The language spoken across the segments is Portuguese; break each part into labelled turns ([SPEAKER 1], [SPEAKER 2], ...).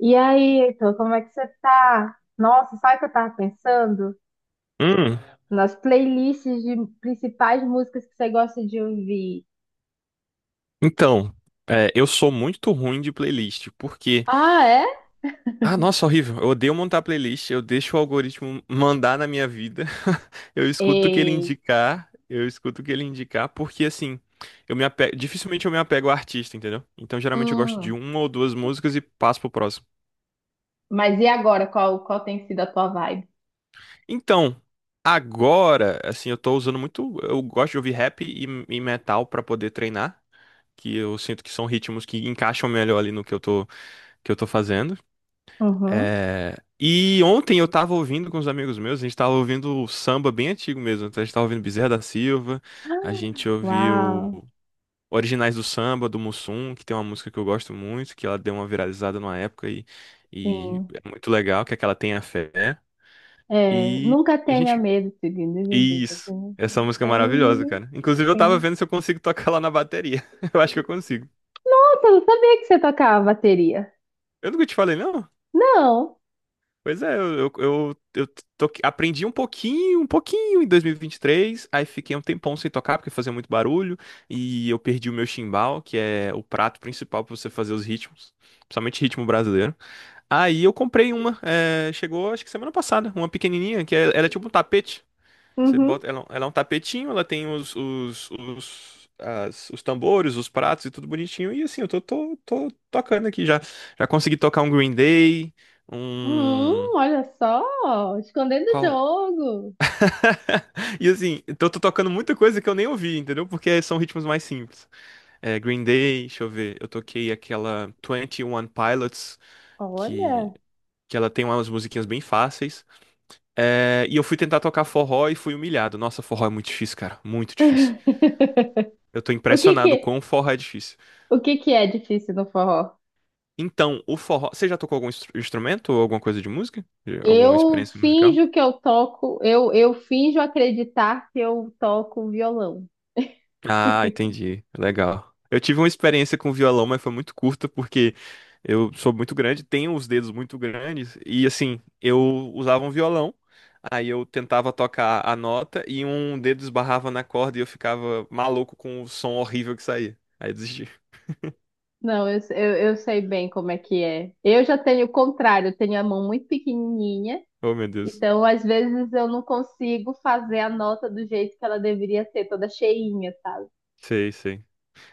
[SPEAKER 1] E aí, Heitor, como é que você tá? Nossa, sabe o que eu tava pensando?
[SPEAKER 2] Hum,
[SPEAKER 1] Nas playlists de principais músicas que você gosta de ouvir.
[SPEAKER 2] então, é, eu sou muito ruim de playlist, porque.
[SPEAKER 1] Ah, é?
[SPEAKER 2] Ah, nossa, horrível. Eu odeio montar playlist, eu deixo o algoritmo mandar na minha vida. Eu escuto o que ele
[SPEAKER 1] E,
[SPEAKER 2] indicar, eu escuto o que ele indicar, porque assim, eu me apego, dificilmente eu me apego ao artista, entendeu? Então, geralmente eu gosto de
[SPEAKER 1] Hum.
[SPEAKER 2] uma ou duas músicas e passo pro próximo.
[SPEAKER 1] Mas e agora? Qual tem sido a tua vibe?
[SPEAKER 2] Então, agora, assim, eu tô usando muito. Eu gosto de ouvir rap e metal pra poder treinar. Que eu sinto que são ritmos que encaixam melhor ali no que que eu tô fazendo.
[SPEAKER 1] Uhum.
[SPEAKER 2] É, e ontem eu tava ouvindo com os amigos meus, a gente tava ouvindo samba bem antigo mesmo. Então a gente tava ouvindo Bezerra da Silva, a gente
[SPEAKER 1] Uau,
[SPEAKER 2] ouviu Originais do Samba, do Mussum, que tem uma música que eu gosto muito, que ela deu uma viralizada numa época e
[SPEAKER 1] sim.
[SPEAKER 2] é muito legal, que é aquela Tenha Fé.
[SPEAKER 1] É,
[SPEAKER 2] E,
[SPEAKER 1] nunca
[SPEAKER 2] e a
[SPEAKER 1] tenha
[SPEAKER 2] gente.
[SPEAKER 1] medo.
[SPEAKER 2] Isso. Essa música é maravilhosa, cara. Inclusive eu tava
[SPEAKER 1] Sim.
[SPEAKER 2] vendo se eu consigo tocar lá na bateria. Eu acho que eu consigo.
[SPEAKER 1] Nossa, eu não sabia que você tocava bateria.
[SPEAKER 2] Eu nunca te falei, não?
[SPEAKER 1] Não.
[SPEAKER 2] Pois é, eu aprendi um pouquinho em dois mil e vinte e três, aí fiquei um tempão sem tocar porque fazia muito barulho e eu perdi o meu chimbal, que é o prato principal pra você fazer os ritmos, principalmente ritmo brasileiro. Aí eu comprei uma, é, chegou acho que semana passada, uma pequenininha, que é, ela é tipo um tapete. Você
[SPEAKER 1] Uhum.
[SPEAKER 2] bota, ela é um tapetinho, ela tem os tambores, os pratos e tudo bonitinho. E assim, eu tô tocando aqui já. Já consegui tocar um Green Day. Um.
[SPEAKER 1] Olha só, escondendo o
[SPEAKER 2] Qual?
[SPEAKER 1] jogo.
[SPEAKER 2] E assim, então eu tô tocando muita coisa que eu nem ouvi, entendeu? Porque são ritmos mais simples. É, Green Day, deixa eu ver. Eu toquei aquela Twenty One Pilots, que,
[SPEAKER 1] Olha.
[SPEAKER 2] que ela tem umas musiquinhas bem fáceis. É, e eu fui tentar tocar forró e fui humilhado. Nossa, forró é muito difícil, cara. Muito difícil. Eu tô
[SPEAKER 1] O que
[SPEAKER 2] impressionado
[SPEAKER 1] que,
[SPEAKER 2] com o forró é difícil.
[SPEAKER 1] o que que é difícil no forró?
[SPEAKER 2] Então, o forró. Você já tocou algum instrumento ou alguma coisa de música? De- Alguma
[SPEAKER 1] Eu
[SPEAKER 2] experiência musical?
[SPEAKER 1] finjo que eu toco, eu finjo acreditar que eu toco violão.
[SPEAKER 2] Ah, entendi. Legal. Eu tive uma experiência com violão, mas foi muito curta porque eu sou muito grande, tenho os dedos muito grandes e assim, eu usava um violão, aí eu tentava tocar a nota e um dedo esbarrava na corda e eu ficava maluco com o som horrível que saía. Aí eu desisti.
[SPEAKER 1] Não, eu sei bem como é que é. Eu já tenho o contrário, eu tenho a mão muito pequenininha,
[SPEAKER 2] Oh, meu Deus.
[SPEAKER 1] então às vezes eu não consigo fazer a nota do jeito que ela deveria ser, toda cheinha, sabe?
[SPEAKER 2] Sei, sei.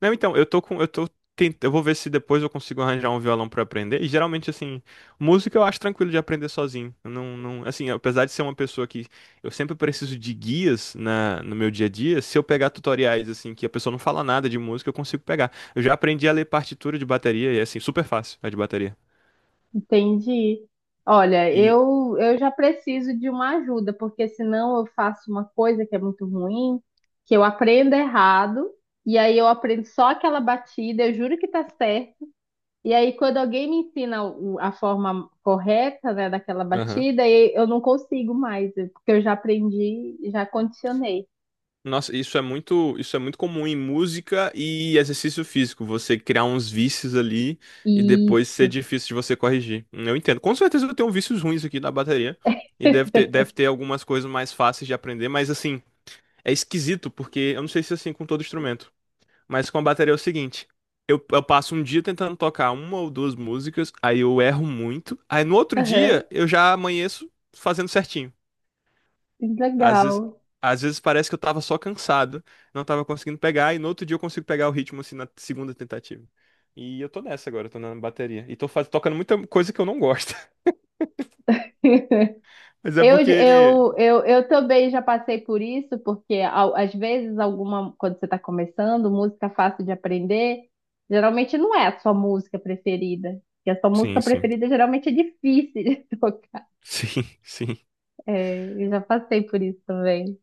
[SPEAKER 2] Não, então, eu tô com, eu tô eu vou ver se depois eu consigo arranjar um violão pra aprender. E geralmente assim, música eu acho tranquilo de aprender sozinho. Eu não, não, assim, apesar de ser uma pessoa que eu sempre preciso de guias na no meu dia a dia, se eu pegar tutoriais assim que a pessoa não fala nada de música, eu consigo pegar. Eu já aprendi a ler partitura de bateria e é assim super fácil a de bateria.
[SPEAKER 1] Entendi. Olha,
[SPEAKER 2] E
[SPEAKER 1] eu já preciso de uma ajuda, porque senão eu faço uma coisa que é muito ruim, que eu aprendo errado, e aí eu aprendo só aquela batida, eu juro que tá certo. E aí, quando alguém me ensina a forma correta, né, daquela
[SPEAKER 2] aham.
[SPEAKER 1] batida, eu não consigo mais, né, porque eu já aprendi, já condicionei.
[SPEAKER 2] Nossa, isso é muito comum em música e exercício físico, você criar uns vícios ali e depois ser
[SPEAKER 1] Isso.
[SPEAKER 2] difícil de você corrigir. Eu entendo. Com certeza eu tenho vícios ruins aqui na bateria e deve ter, deve ter algumas coisas mais fáceis de aprender, mas assim, é esquisito porque eu não sei se é assim com todo instrumento, mas com a bateria é o seguinte, eu passo um dia tentando tocar uma ou duas músicas, aí eu erro muito, aí no outro
[SPEAKER 1] Aham,
[SPEAKER 2] dia eu já amanheço fazendo certinho. Às vezes,
[SPEAKER 1] legal.
[SPEAKER 2] às vezes parece que eu tava só cansado, não tava conseguindo pegar, e no outro dia eu consigo pegar o ritmo assim na segunda tentativa. E eu tô nessa agora, eu tô na bateria. E tô faz... tocando muita coisa que eu não gosto. Mas é
[SPEAKER 1] Eu,
[SPEAKER 2] porque.
[SPEAKER 1] eu, eu, eu também já passei por isso, porque às vezes alguma, quando você está começando, música fácil de aprender, geralmente não é a sua música preferida. E a sua música
[SPEAKER 2] Sim, sim.
[SPEAKER 1] preferida geralmente é difícil de tocar.
[SPEAKER 2] Sim, sim.
[SPEAKER 1] É, eu já passei por isso também.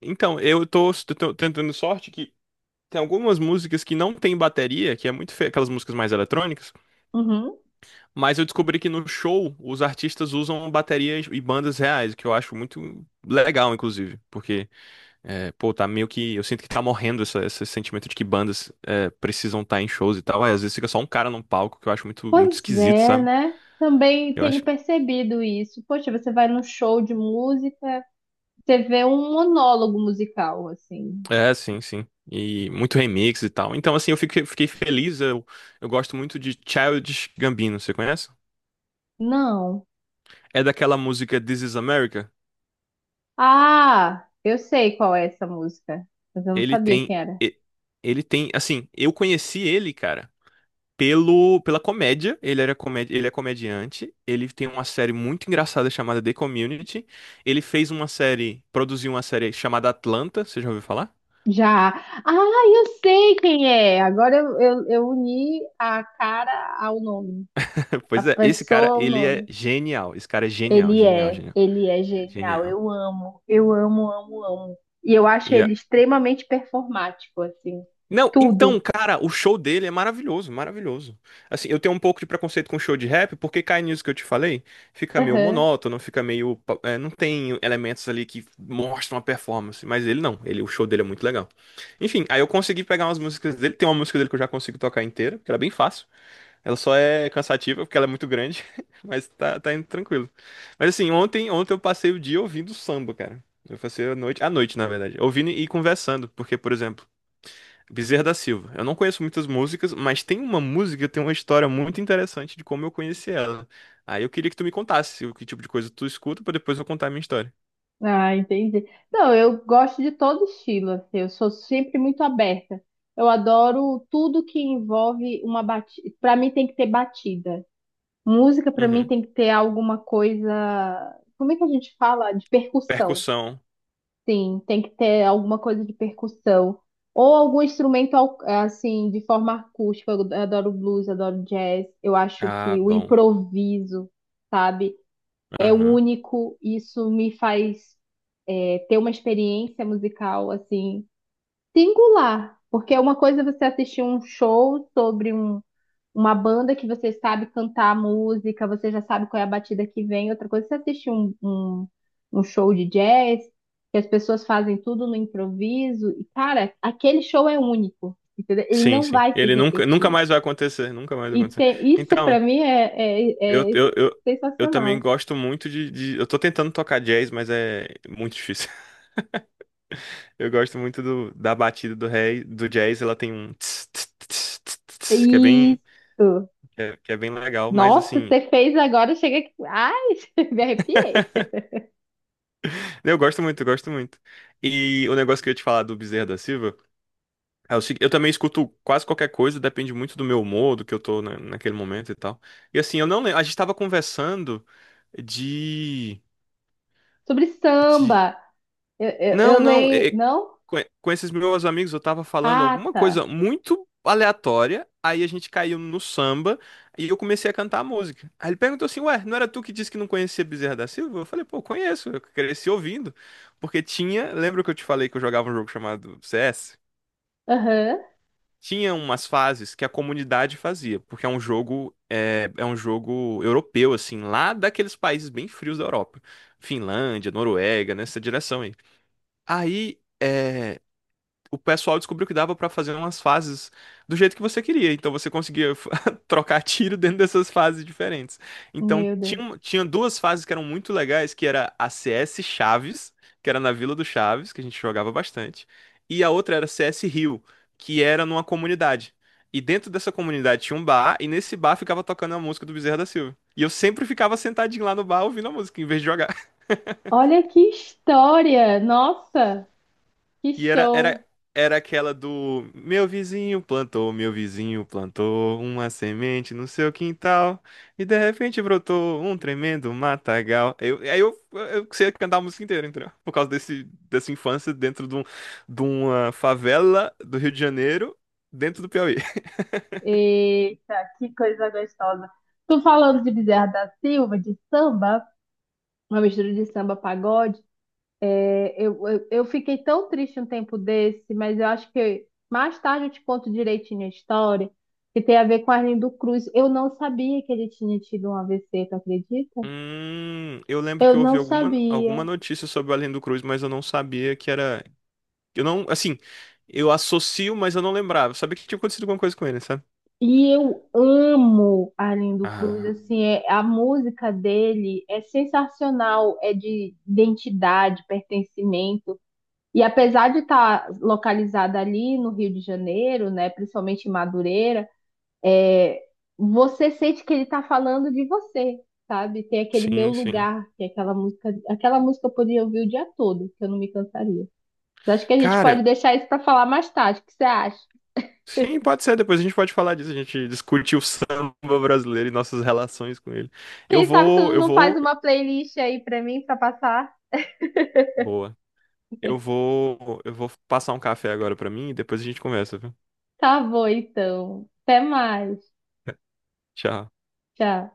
[SPEAKER 2] Então, eu tô, s- tô tentando sorte que tem algumas músicas que não tem bateria, que é muito feio, aquelas músicas mais eletrônicas,
[SPEAKER 1] Uhum.
[SPEAKER 2] mas eu descobri que no show os artistas usam baterias e bandas reais, o que eu acho muito legal, inclusive, porque é, pô, tá meio que. Eu sinto que tá morrendo essa- esse sentimento de que bandas é, precisam estar em shows e tal. Aí, às vezes fica só um cara num palco que eu acho muito, muito
[SPEAKER 1] Pois
[SPEAKER 2] esquisito,
[SPEAKER 1] é,
[SPEAKER 2] sabe?
[SPEAKER 1] né? Também
[SPEAKER 2] Eu
[SPEAKER 1] tenho
[SPEAKER 2] acho.
[SPEAKER 1] percebido isso. Poxa, você vai num show de música, você vê um monólogo musical, assim.
[SPEAKER 2] É, sim, sim. E muito remix e tal. Então, assim, eu fiquei feliz. Eu gosto muito de Childish Gambino, você conhece?
[SPEAKER 1] Não.
[SPEAKER 2] É daquela música This Is America.
[SPEAKER 1] Ah, eu sei qual é essa música, mas eu não
[SPEAKER 2] Ele
[SPEAKER 1] sabia
[SPEAKER 2] tem.
[SPEAKER 1] quem era.
[SPEAKER 2] e- Ele tem. Assim, eu conheci ele, cara. Pelo, pela comédia. Ele era comédia, ele é comediante. Ele tem uma série muito engraçada chamada The Community. Ele fez uma série, produziu uma série chamada Atlanta. Você já ouviu falar?
[SPEAKER 1] Já. Ah, eu sei quem é. Agora eu uni a cara ao nome, a
[SPEAKER 2] Pois é, esse cara,
[SPEAKER 1] pessoa ao
[SPEAKER 2] ele é
[SPEAKER 1] nome.
[SPEAKER 2] genial. Esse cara é genial,
[SPEAKER 1] Ele
[SPEAKER 2] genial,
[SPEAKER 1] é,
[SPEAKER 2] genial.
[SPEAKER 1] ele é genial.
[SPEAKER 2] Genial.
[SPEAKER 1] Eu amo, amo, amo. E eu acho
[SPEAKER 2] E
[SPEAKER 1] ele extremamente performático, assim.
[SPEAKER 2] não, então,
[SPEAKER 1] Tudo.
[SPEAKER 2] cara, o show dele é maravilhoso, maravilhoso. Assim, eu tenho um pouco de preconceito com show de rap, porque cai nisso que eu te falei, fica meio
[SPEAKER 1] Aham.
[SPEAKER 2] monótono, fica meio, pa- é, não tem elementos ali que mostram a performance, mas ele não, ele, o show dele é muito legal. Enfim, aí eu consegui pegar umas músicas dele, tem uma música dele que eu já consigo tocar inteira, que ela é bem fácil, ela só é cansativa porque ela é muito grande, mas tá, tá indo tranquilo. Mas assim, ontem, ontem eu passei o dia ouvindo samba, cara. Eu passei a noite, na verdade, ouvindo e conversando, porque, por exemplo, Bezerra da Silva. Eu não conheço muitas músicas, mas tem uma música que tem uma história muito interessante de como eu conheci ela. Aí eu queria que tu me contasse o que tipo de coisa tu escuta pra depois eu contar a minha história.
[SPEAKER 1] Ah, entendi. Não, eu gosto de todo estilo, assim, eu sou sempre muito aberta. Eu adoro tudo que envolve uma batida. Para mim tem que ter batida. Música para mim
[SPEAKER 2] Uhum.
[SPEAKER 1] tem que ter alguma coisa, como é que a gente fala? De percussão.
[SPEAKER 2] Percussão.
[SPEAKER 1] Sim, tem que ter alguma coisa de percussão ou algum instrumento assim de forma acústica. Eu adoro blues, adoro jazz. Eu acho
[SPEAKER 2] Ah,
[SPEAKER 1] que o
[SPEAKER 2] bom.
[SPEAKER 1] improviso, sabe? É
[SPEAKER 2] Aham.
[SPEAKER 1] único, isso me faz ter uma experiência musical assim singular, porque é uma coisa você assistir um show sobre uma banda que você sabe cantar a música, você já sabe qual é a batida que vem, outra coisa é você assistir um, um, um show de jazz, que as pessoas fazem tudo no improviso, e cara, aquele show é único, entendeu? Ele
[SPEAKER 2] Sim,
[SPEAKER 1] não
[SPEAKER 2] sim.
[SPEAKER 1] vai se
[SPEAKER 2] Ele nunca, nunca
[SPEAKER 1] repetir.
[SPEAKER 2] mais vai acontecer, nunca mais vai
[SPEAKER 1] E
[SPEAKER 2] acontecer.
[SPEAKER 1] ter, isso pra
[SPEAKER 2] Então,
[SPEAKER 1] mim é,
[SPEAKER 2] eu,
[SPEAKER 1] é, é
[SPEAKER 2] eu, eu, eu também
[SPEAKER 1] sensacional.
[SPEAKER 2] gosto muito de- Eu tô tentando tocar jazz, mas é muito difícil. Eu gosto muito da batida do rei, do jazz, ela tem um tss, tss, tss, tss,
[SPEAKER 1] É
[SPEAKER 2] tss, que é bem,
[SPEAKER 1] isso.
[SPEAKER 2] que é bem legal, mas
[SPEAKER 1] Nossa,
[SPEAKER 2] assim,
[SPEAKER 1] você fez agora, chega aqui. Ai, me arrepiei.
[SPEAKER 2] eu gosto muito, eu gosto muito. E o negócio que eu ia te falar do Bezerra da Silva é o seguinte, eu também escuto quase qualquer coisa, depende muito do meu humor, do que eu tô naquele momento e tal. E assim, eu não lembro, a gente tava conversando de,
[SPEAKER 1] Sobre
[SPEAKER 2] de...
[SPEAKER 1] samba. Eu
[SPEAKER 2] Não, não,
[SPEAKER 1] leio.
[SPEAKER 2] é
[SPEAKER 1] Não?
[SPEAKER 2] com esses meus amigos, eu tava falando
[SPEAKER 1] Ah,
[SPEAKER 2] alguma coisa
[SPEAKER 1] tá.
[SPEAKER 2] muito aleatória, aí a gente caiu no samba e eu comecei a cantar a música. Aí ele perguntou assim: Ué, não era tu que disse que não conhecia Bezerra da Silva? Eu falei: Pô, conheço, eu cresci ouvindo. Porque tinha, lembra que eu te falei que eu jogava um jogo chamado CS?
[SPEAKER 1] Aham.
[SPEAKER 2] Tinha umas fases que a comunidade fazia, porque é um jogo, é, é um jogo europeu, assim, lá daqueles países bem frios da Europa. Finlândia, Noruega, nessa direção aí. Aí. É, o pessoal descobriu que dava pra fazer umas fases do jeito que você queria. Então você conseguia trocar tiro dentro dessas fases diferentes. Então
[SPEAKER 1] Meu Deus.
[SPEAKER 2] tinha, um- tinha duas fases que eram muito legais, que era a CS Chaves, que era na Vila do Chaves, que a gente jogava bastante, e a outra era CS Rio, que era numa comunidade. E dentro dessa comunidade tinha um bar, e nesse bar ficava tocando a música do Bezerra da Silva. E eu sempre ficava sentadinho lá no bar ouvindo a música, em vez de jogar.
[SPEAKER 1] Olha que história! Nossa, que
[SPEAKER 2] E era, era,
[SPEAKER 1] show!
[SPEAKER 2] era aquela do meu vizinho plantou uma semente no seu quintal e de repente brotou um tremendo matagal. Eu, aí eu sei cantar a música inteira, entendeu? Por causa desse, dessa infância dentro de, um, de uma favela do Rio de Janeiro, dentro do Piauí.
[SPEAKER 1] Eita, que coisa gostosa. Tô falando de Bezerra da Silva, de samba, uma mistura de samba pagode. É, eu fiquei tão triste um tempo desse, mas eu acho que mais tarde eu te conto direitinho a história, que tem a ver com Arlindo Cruz. Eu não sabia que ele tinha tido um AVC, tu acredita?
[SPEAKER 2] Eu lembro que
[SPEAKER 1] Eu
[SPEAKER 2] eu ouvi
[SPEAKER 1] não
[SPEAKER 2] alguma, alguma
[SPEAKER 1] sabia.
[SPEAKER 2] notícia sobre o Além do Cruz, mas eu não sabia que era. Eu não, assim, eu associo, mas eu não lembrava. Eu sabia que tinha acontecido alguma coisa com ele, sabe?
[SPEAKER 1] E eu amo Arlindo Cruz,
[SPEAKER 2] Ah.
[SPEAKER 1] assim, a música dele é sensacional, é de identidade, pertencimento. E apesar de estar localizada ali no Rio de Janeiro, né, principalmente em Madureira, é, você sente que ele tá falando de você, sabe? Tem aquele meu
[SPEAKER 2] Sim, sim.
[SPEAKER 1] lugar, que é aquela música eu poderia ouvir o dia todo, que eu não me cansaria. Mas acho que a gente
[SPEAKER 2] Cara,
[SPEAKER 1] pode deixar isso pra falar mais tarde. O que você acha?
[SPEAKER 2] sim, pode ser. Depois a gente pode falar disso. A gente discute o samba brasileiro e nossas relações com ele. Eu
[SPEAKER 1] Quem sabe tu
[SPEAKER 2] vou, eu
[SPEAKER 1] não faz
[SPEAKER 2] vou.
[SPEAKER 1] uma playlist aí pra mim pra passar?
[SPEAKER 2] Boa. Eu vou, eu vou passar um café agora pra mim e depois a gente conversa, viu?
[SPEAKER 1] Tá bom, então. Até mais.
[SPEAKER 2] Tchau.
[SPEAKER 1] Tchau.